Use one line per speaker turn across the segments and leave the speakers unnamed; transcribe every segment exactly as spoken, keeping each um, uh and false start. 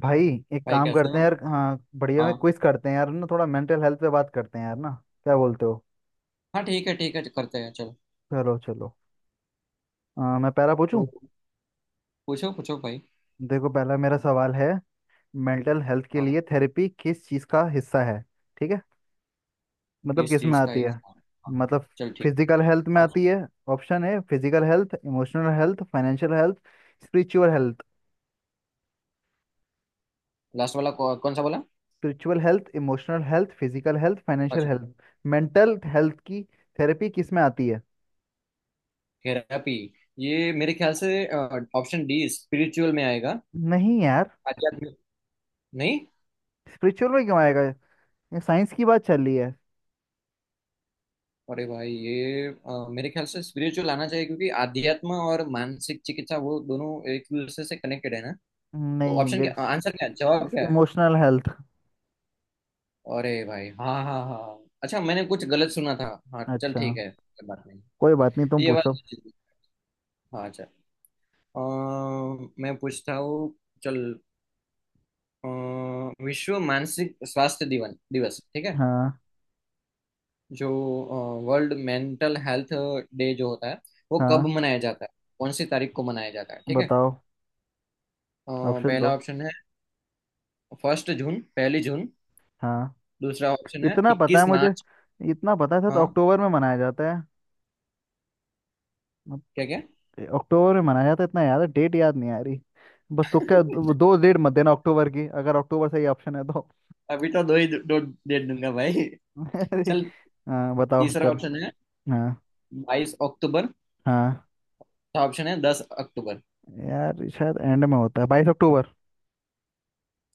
भाई एक
भाई,
काम
कैसे
करते हैं
हो?
यार। हाँ बढ़िया, में
हाँ।
क्विज करते हैं यार ना। थोड़ा मेंटल हेल्थ पे बात करते हैं यार ना। क्या बोलते हो?
हाँ, ठीक है ठीक है, करते हैं चलो।
चलो चलो। अ, मैं पहला
तो
पूछूं।
पूछो पूछो भाई।
देखो पहला मेरा सवाल है, मेंटल हेल्थ के
हाँ।
लिए थेरेपी किस चीज़ का हिस्सा है? ठीक है, मतलब
किस
किस में
चीज़ का
आती है?
इल्जाम? हाँ
मतलब
चल ठीक।
फिजिकल हेल्थ में आती है? ऑप्शन है physical health, emotional health, financial health, spiritual health.
Last वाला कौ, कौन सा बोला?
Spiritual health, emotional health, physical health, financial
अच्छा।
हेल्थ। मेंटल हेल्थ की थेरेपी किस में आती है?
थेरेपी, ये मेरे ख्याल से ऑप्शन डी स्पिरिचुअल में आएगा।
नहीं यार,
आध्यात्मिक। नहीं।
स्पिरिचुअल में क्यों आएगा? ये साइंस की बात चल रही है।
अरे भाई, ये अ, मेरे ख्याल से स्पिरिचुअल आना चाहिए क्योंकि आध्यात्म और मानसिक चिकित्सा वो दोनों एक दूसरे से कनेक्टेड है ना। तो
नहीं
ऑप्शन क्या?
देख,
आंसर क्या है? जवाब क्या है?
Emotional health.
अरे भाई हाँ हाँ हाँ, अच्छा मैंने कुछ गलत सुना था। हाँ चल
अच्छा,
ठीक है, कोई बात नहीं।
कोई बात नहीं, तुम
ये बात
पूछो।
तो ठीक है। हाँ चल। अ, मैं पूछता हूँ चल। अ, विश्व मानसिक स्वास्थ्य दिवन दिवस, ठीक है?
हाँ।
जो वर्ल्ड मेंटल हेल्थ डे जो होता है, वो
हाँ
कब मनाया जाता है? कौन सी तारीख को मनाया जाता है, ठीक है?
बताओ।
अ,
ऑप्शन दो।
पहला ऑप्शन है फर्स्ट जून, पहली जून।
हाँ,
दूसरा ऑप्शन है
इतना पता है
इक्कीस
मुझे,
मार्च
इतना पता था तो
हाँ।
अक्टूबर में मनाया जाता है। अब-
क्या क्या।
अक्टूबर में मनाया जाता है, इतना याद है, डेट याद नहीं आ रही। बस, तो क्या दो दो डेट मत देना अक्टूबर की, अगर अक्टूबर सही ऑप्शन है तो।
अभी तो दो ही दो डेट दूंगा भाई।
अरे,
चल,
हाँ बताओ,
तीसरा
चल।
ऑप्शन है
हाँ।
बाईस अक्टूबर।
हाँ,
चौथा ऑप्शन है दस अक्टूबर।
यार शायद एंड में होता है, बाईस अक्टूबर।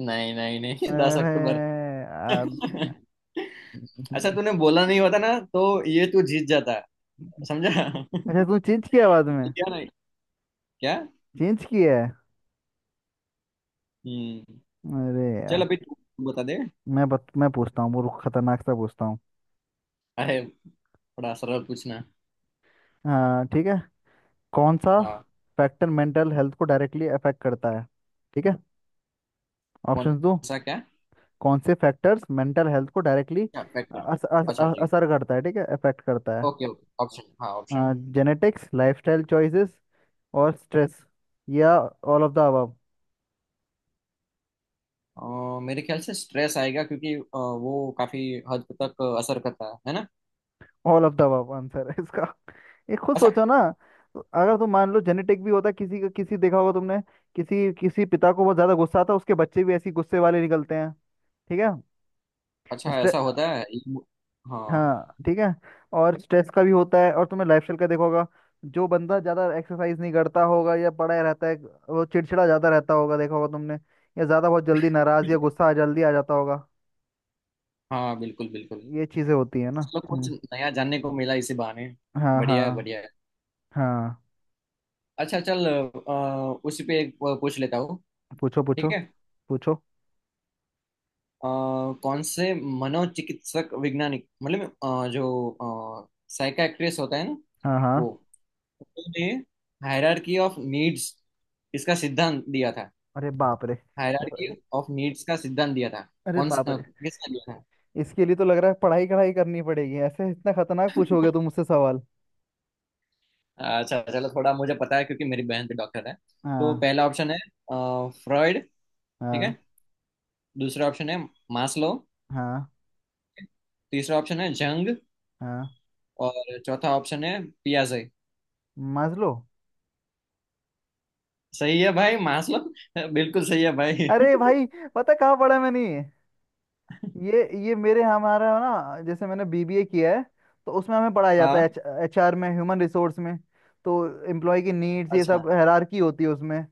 नहीं नहीं नहीं। दस अक्टूबर।
अरे,
अच्छा, तूने
अच्छा,
बोला नहीं होता ना, तो ये तू जीत जाता, समझा।
तूने चेंज किया बाद में।
क्या? नहीं। क्या?
चेंज किया है।
हम्म।
अरे
चल
यार।
अभी तू बता दे।
मैं बत, मैं पूछता हूँ, वो खतरनाक सा पूछता हूँ।
अरे, बड़ा सरल पूछना।
हाँ ठीक है। कौन सा
हाँ।
फैक्टर मेंटल हेल्थ को डायरेक्टली अफेक्ट करता है? ठीक है,
कौन
ऑप्शंस दो।
सा? क्या?
कौन से फैक्टर्स मेंटल हेल्थ को डायरेक्टली
क्या फैक्टर?
अस, अस,
अच्छा
अ-
जी।
असर करता है, ठीक है, अफेक्ट करता है।
ओके ओके, ऑप्शन, हाँ ऑप्शन।
जेनेटिक्स, लाइफस्टाइल चॉइसेस और स्ट्रेस, या ऑल ऑफ द अबव।
अ, मेरे ख्याल से स्ट्रेस आएगा क्योंकि अ, वो काफी हद तक असर करता है है ना?
All of the above answer है इसका। ये खुद
अच्छा।
सोचो ना। तो अगर तुम मान लो, जेनेटिक भी होता किसी का, किसी देखा होगा तुमने, किसी किसी पिता को बहुत ज्यादा गुस्सा आता, उसके बच्चे भी ऐसे ही गुस्से वाले निकलते हैं। ठीक है।
अच्छा
स्ट्रे
ऐसा होता है? ये मु- हाँ।
हाँ ठीक है। और स्ट्रेस का भी होता है, और तुमने लाइफ स्टाइल का देखा होगा, जो बंदा ज्यादा एक्सरसाइज नहीं करता होगा या पड़ा रहता है, वो चिड़चिड़ा ज्यादा रहता होगा, देखा होगा तुमने, या ज्यादा बहुत जल्दी नाराज या गुस्सा जल्दी आ जाता होगा।
हाँ बिल्कुल बिल्कुल।
ये चीजें होती है ना।
चलो कुछ
हम्म।
नया जानने को मिला इसी बहाने।
हाँ
बढ़िया है
हाँ।
बढ़िया है।
हाँ
अच्छा चल, अ, उसी पे एक अ, पूछ लेता हूँ,
पूछो पूछो
ठीक है?
पूछो।
अ, कौन से मनोचिकित्सक वैज्ञानिक, मतलब अ, जो साइकाट्रिस्ट होता है ना,
हाँ। हाँ।
वो, उन्होंने हायरार्की ऑफ नीड्स, इसका सिद्धांत दिया था।
अरे बाप रे।
हायरार्की
ये-
ऑफ नीड्स का सिद्धांत दिया था।
अरे
कौन से
बाप
अ,
रे।
किसने दिया था?
इसके लिए तो लग रहा है पढ़ाई कढ़ाई करनी पड़ेगी, ऐसे इतना खतरनाक पूछोगे तुम मुझसे सवाल।
अच्छा, चलो थोड़ा मुझे पता है क्योंकि मेरी बहन भी डॉक्टर है। तो
हाँ।
पहला ऑप्शन है फ्रॉइड, ठीक है।
हाँ।
दूसरा ऑप्शन है मास्लो।
हाँ।
तीसरा ऑप्शन है जंग।
हाँ।
और चौथा ऑप्शन है पियाजे।
मास्लो।
सही है भाई मास्लो। बिल्कुल सही है भाई।
अरे भाई, पता कहाँ पढ़ा मैंने ये। ये ये मेरे हमारा ना, जैसे मैंने बी बी ए किया है, तो उसमें हमें पढ़ाया जाता है
हाँ।
एच, एचआर में, ह्यूमन रिसोर्स में। तो एम्प्लॉय की नीड्स ये
अच्छा
सब
हाँ।
हायरार्की होती है उसमें।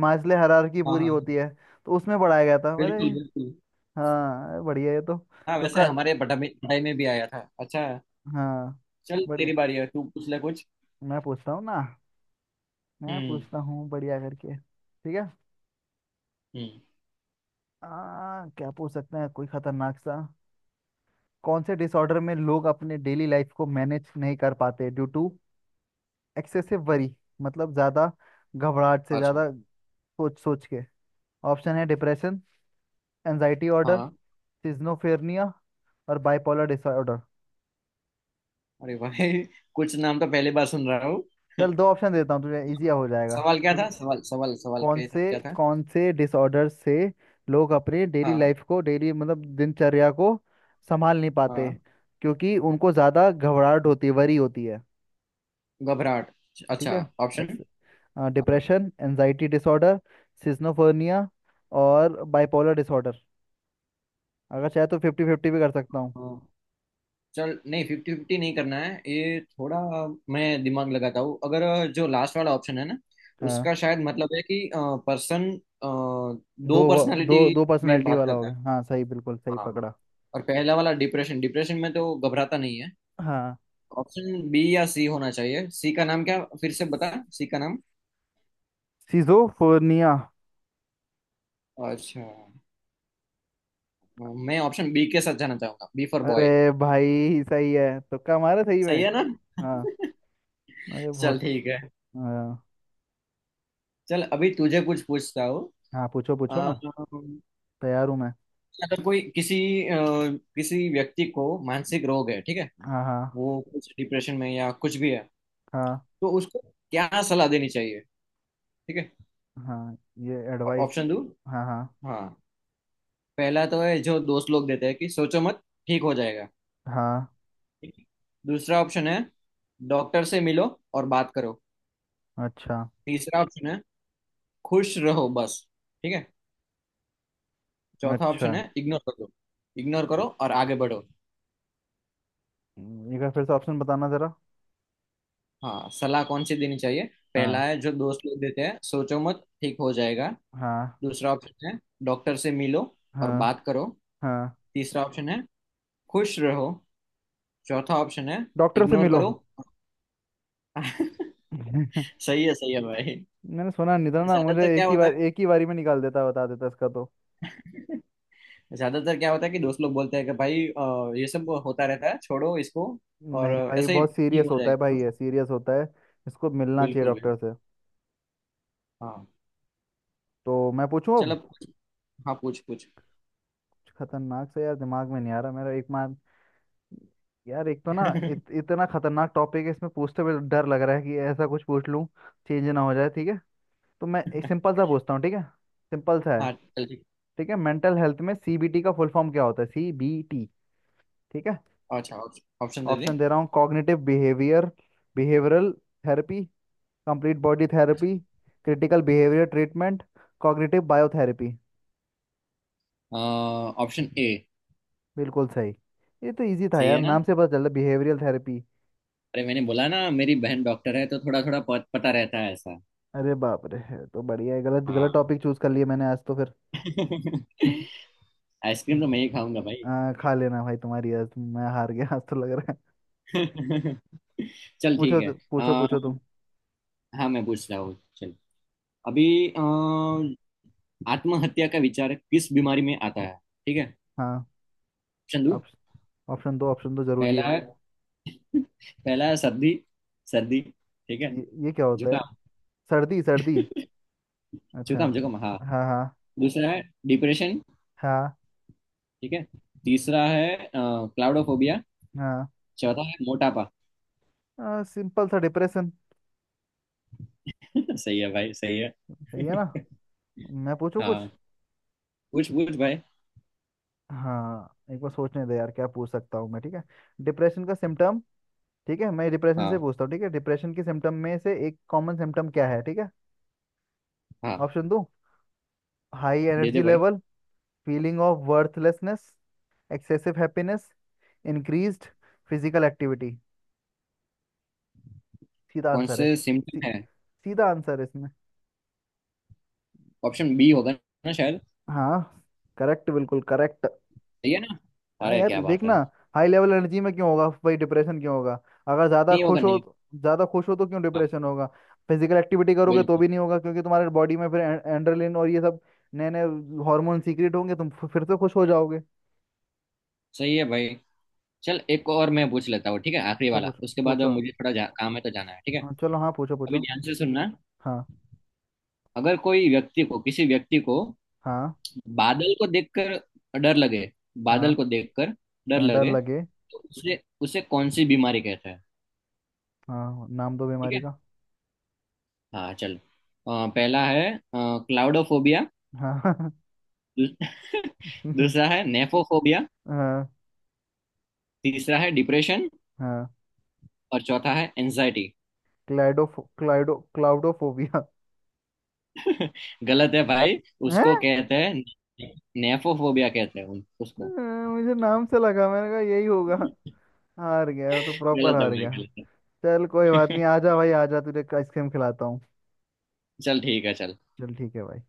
मास्ले हायरार्की
हाँ
पूरी होती
हाँ,
है। तो उसमें पढ़ाया गया था, अरे।
बिल्कुल बिल्कुल।
हाँ बढ़िया है। तो
हाँ
तो
वैसे
का।
हमारे पढ़ाई में पढ़ाई में भी आया था। अच्छा
हाँ
चल,
बढ़िया।
तेरी बारी है, तू पूछ ले कुछ।
मैं पूछता हूँ ना, मैं
हम्म।
पूछता हूँ बढ़िया करके, ठीक है।
हम्म।
आ, क्या पूछ सकते हैं कोई खतरनाक सा। कौन से डिसऑर्डर में लोग अपने डेली लाइफ को मैनेज नहीं कर पाते ड्यू टू एक्सेसिव वरी, मतलब ज्यादा घबराहट से,
अच्छा।
ज्यादा सोच सोच के। ऑप्शन है डिप्रेशन, एनजाइटी ऑर्डर,
हाँ।
सिज्नोफेरनिया और बाइपोलर डिसऑर्डर।
अरे भाई, कुछ नाम तो पहली बार सुन रहा हूँ।
चल दो ऑप्शन देता हूँ तुझे, इजी हो जाएगा,
सवाल क्या
ठीक
था
है।
सवाल सवाल सवाल
कौन
क्या था
से,
क्या था
कौन से डिसऑर्डर से लोग अपने डेली
हाँ
लाइफ को, डेली मतलब दिनचर्या को संभाल नहीं पाते,
हाँ।
क्योंकि उनको ज़्यादा घबराहट होती है, वरी होती है।
घबराहट?
ठीक
अच्छा
है।
ऑप्शन।
एक्स
हाँ,
डिप्रेशन, एनजाइटी डिसऑर्डर, सिजोफ्रेनिया और बाइपोलर डिसऑर्डर। अगर चाहे तो फिफ्टी फिफ्टी भी कर सकता हूँ।
हाँ। चल, नहीं फिफ्टी फिफ्टी नहीं करना है ये थोड़ा। मैं दिमाग लगाता हूँ। अगर जो लास्ट वाला ऑप्शन है ना,
हाँ
उसका शायद मतलब है कि पर्सन
दो
दो
व- दो
पर्सनालिटी
दो
में
पर्सनैलिटी
बात
वाला हो
करता है।
गया, हाँ सही, बिल्कुल सही
हाँ।
पकड़ा।
और पहला वाला डिप्रेशन, डिप्रेशन में तो घबराता नहीं है।
हाँ।
ऑप्शन बी या सी होना चाहिए। सी का नाम क्या? फिर से बता, सी का नाम।
सिजोफ्रेनिया।
अच्छा। मैं ऑप्शन बी के साथ जाना चाहूंगा, बी फॉर बॉय।
अरे भाई सही है, तुक्का मारा सही में।
सही है ना?
हाँ। अरे
चल
बहुत।
ठीक है।
हाँ।
चल, अभी तुझे कुछ पूछता हूँ।
हाँ, पूछो पूछो ना, तैयार हूँ मैं।
अगर कोई किसी अ, किसी व्यक्ति को मानसिक रोग है, ठीक है।
हाँ। हाँ।
वो कुछ डिप्रेशन में या कुछ भी है,
हाँ।
तो उसको क्या सलाह देनी चाहिए, ठीक है?
हाँ। ये एडवाइस।
ऑप्शन दो।
हाँ हाँ।
हाँ। पहला तो है जो दोस्त लोग देते हैं कि सोचो मत, ठीक हो जाएगा,
हाँ।
ठीक है। दूसरा ऑप्शन है डॉक्टर से मिलो और बात करो।
अच्छा।
तीसरा ऑप्शन है खुश रहो बस, ठीक है। चौथा
अच्छा।
ऑप्शन है इग्नोर कर दो, इग्नोर करो और आगे बढ़ो।
हम्म, एक बार फिर से ऑप्शन बताना जरा।
हाँ, सलाह कौन सी देनी चाहिए? पहला
हाँ।
है जो दोस्त लोग देते हैं, सोचो मत ठीक हो जाएगा।
हाँ।
दूसरा ऑप्शन है डॉक्टर से मिलो और
हाँ।
बात करो।
हाँ।
तीसरा ऑप्शन है खुश रहो। चौथा ऑप्शन है
डॉक्टर से
इग्नोर
मिलो।
करो। सही है सही है भाई।
मैंने सुना नहीं था ना, मुझे
ज्यादातर क्या
एक ही
होता
बार,
है?
एक ही बारी में निकाल देता, बता देता इसका तो।
ज्यादातर क्या होता है कि दोस्त लोग बोलते हैं कि भाई अ, ये सब होता रहता है, छोड़ो इसको और
नहीं भाई,
ऐसे ही
बहुत
ठीक
सीरियस
हो
होता है भाई,
जाएगा।
ये सीरियस होता है, इसको मिलना चाहिए
बिल्कुल बिल्कुल।
डॉक्टर से।
हाँ
तो मैं पूछूं अब।
चलो पूछ- हाँ पूछ पूछ।
कुछ खतरनाक से यार दिमाग में नहीं आ रहा, मेरा एक मार। यार एक तो ना इत, इतना खतरनाक टॉपिक है, इसमें पूछते हुए डर लग रहा है कि ऐसा कुछ पूछ लूं, चेंज ना हो जाए, ठीक है। तो मैं एक सिंपल सा पूछता हूँ, ठीक है, सिंपल सा है।
हाँ चल ठीक।
ठीक है, मेंटल हेल्थ में सी बी टी का फुल फॉर्म क्या होता है, सी बी टी, ठीक है।
अच्छा, ऑप्शन दे दे।
ऑप्शन दे रहा हूँ, cognitive behaviour, behavioural therapy, complete body therapy, critical behaviour treatment, cognitive biotherapy.
Option A.
बिल्कुल सही। ये तो इजी था
सही
यार,
है ना?
नाम से पता चल रहा है, बिहेवियरल थेरेपी।
अरे मैंने बोला ना मेरी बहन डॉक्टर है, तो थोड़ा थोड़ा पता रहता है।
अरे बाप रे, है तो बढ़िया है, गलत गलत
हाँ।
टॉपिक चूज कर लिए मैंने आज तो फिर।
आइसक्रीम तो मैं ही खाऊंगा भाई।
आ, खा लेना भाई, तुम्हारी आज तुम- मैं हार गया आज तो लग रहा है।
चल
पूछो
ठीक
तो-
है।
पूछो
आ,
पूछो तुम।
हाँ मैं पूछ रहा हूँ चल। अभी अ, आत्महत्या का विचार किस बीमारी में आता है, ठीक है?
हाँ।
चंदू।
ऑप्श- ऑप्शन दो, ऑप्शन दो जरूरी है
पहला है
भाई।
पहला है सर्दी, सर्दी, ठीक है।
ये, ये क्या होता है?
जुकाम,
सर्दी सर्दी, अच्छा।
जुकाम, जुकाम हाँ।
हाँ। हाँ।
दूसरा है डिप्रेशन,
हाँ।
ठीक है। तीसरा है अ, क्लाउडोफोबिया।
हाँ।
चौथा है मोटापा।
आ, सिंपल सा डिप्रेशन।
सही है भाई सही है।
सही है ना। मैं पूछूं कुछ।
हाँ पूछ पूछ भाई।
हाँ एक बार सोचने दे यार, क्या पूछ सकता हूँ मैं, ठीक है। डिप्रेशन का सिम्टम, ठीक है, मैं डिप्रेशन से
हाँ।
पूछता हूँ, ठीक है, डिप्रेशन के सिम्टम में से एक कॉमन सिम्टम क्या है, ठीक है।
हाँ,
ऑप्शन दो। हाई
दे दे
एनर्जी
भाई।
Level, feeling of worthlessness, excessive happiness, increased physical activity. सीधा
कौन
आंसर है
से
सी,
सिम्टम है?
सीधा आंसर है इसमें।
ऑप्शन बी होगा ना शायद।
हाँ, करेक्ट बिल्कुल करेक्ट।
सही है ना?
हाँ
अरे
यार
क्या बात
देखना,
है।
हाई लेवल एनर्जी में क्यों होगा भाई, डिप्रेशन क्यों होगा अगर ज़्यादा
नहीं होगा।
खुश हो?
नहीं
ज़्यादा खुश हो तो क्यों
होगा। हाँ
डिप्रेशन होगा? फिजिकल एक्टिविटी करोगे तो
बिल्कुल।
भी नहीं होगा, क्योंकि तुम्हारे बॉडी में फिर एंड्रेलिन और ये सब नए नए हार्मोन सीक्रेट होंगे, तुम फिर फिर से खुश हो जाओगे।
सही है भाई। चल, एक और मैं पूछ लेता हूँ, ठीक है? आखिरी
पूछो
वाला।
पूछो
उसके बाद
पूछो।
मुझे थोड़ा जा, काम है तो जाना है, ठीक है।
हाँ, चलो, हाँ पूछो
अभी
पूछो।
ध्यान से सुनना।
हाँ।
अगर कोई व्यक्ति को किसी व्यक्ति को
हाँ।
बादल को देखकर डर लगे, बादल
हाँ।
को देखकर डर
हाँ डर
लगे,
लगे।
तो उसे उसे कौन सी बीमारी कहते हैं,
हाँ, नाम दो
ठीक
बीमारी
है?
का।
हाँ चल, अ, पहला है क्लाउडोफोबिया।
हाँ।
दूसरा है नेफोफोबिया।
हाँ।
तीसरा है डिप्रेशन।
हाँ।
और चौथा है एंजाइटी।
क्लाइडोफो क्लाइडो क्लाउडोफोबिया
गलत है भाई,
है।
उसको कहते हैं, नेफोफोबिया कहते हैं उन- उसको।
मुझे नाम से लगा, मैंने कहा यही होगा। हार गया मैं तो, प्रॉपर
गलत है
हार
भाई
गया।
गलत
चल कोई बात
है।
नहीं, आजा भाई आजा, तुझे आइसक्रीम खिलाता हूँ।
चल ठीक है चल।
चल ठीक है भाई।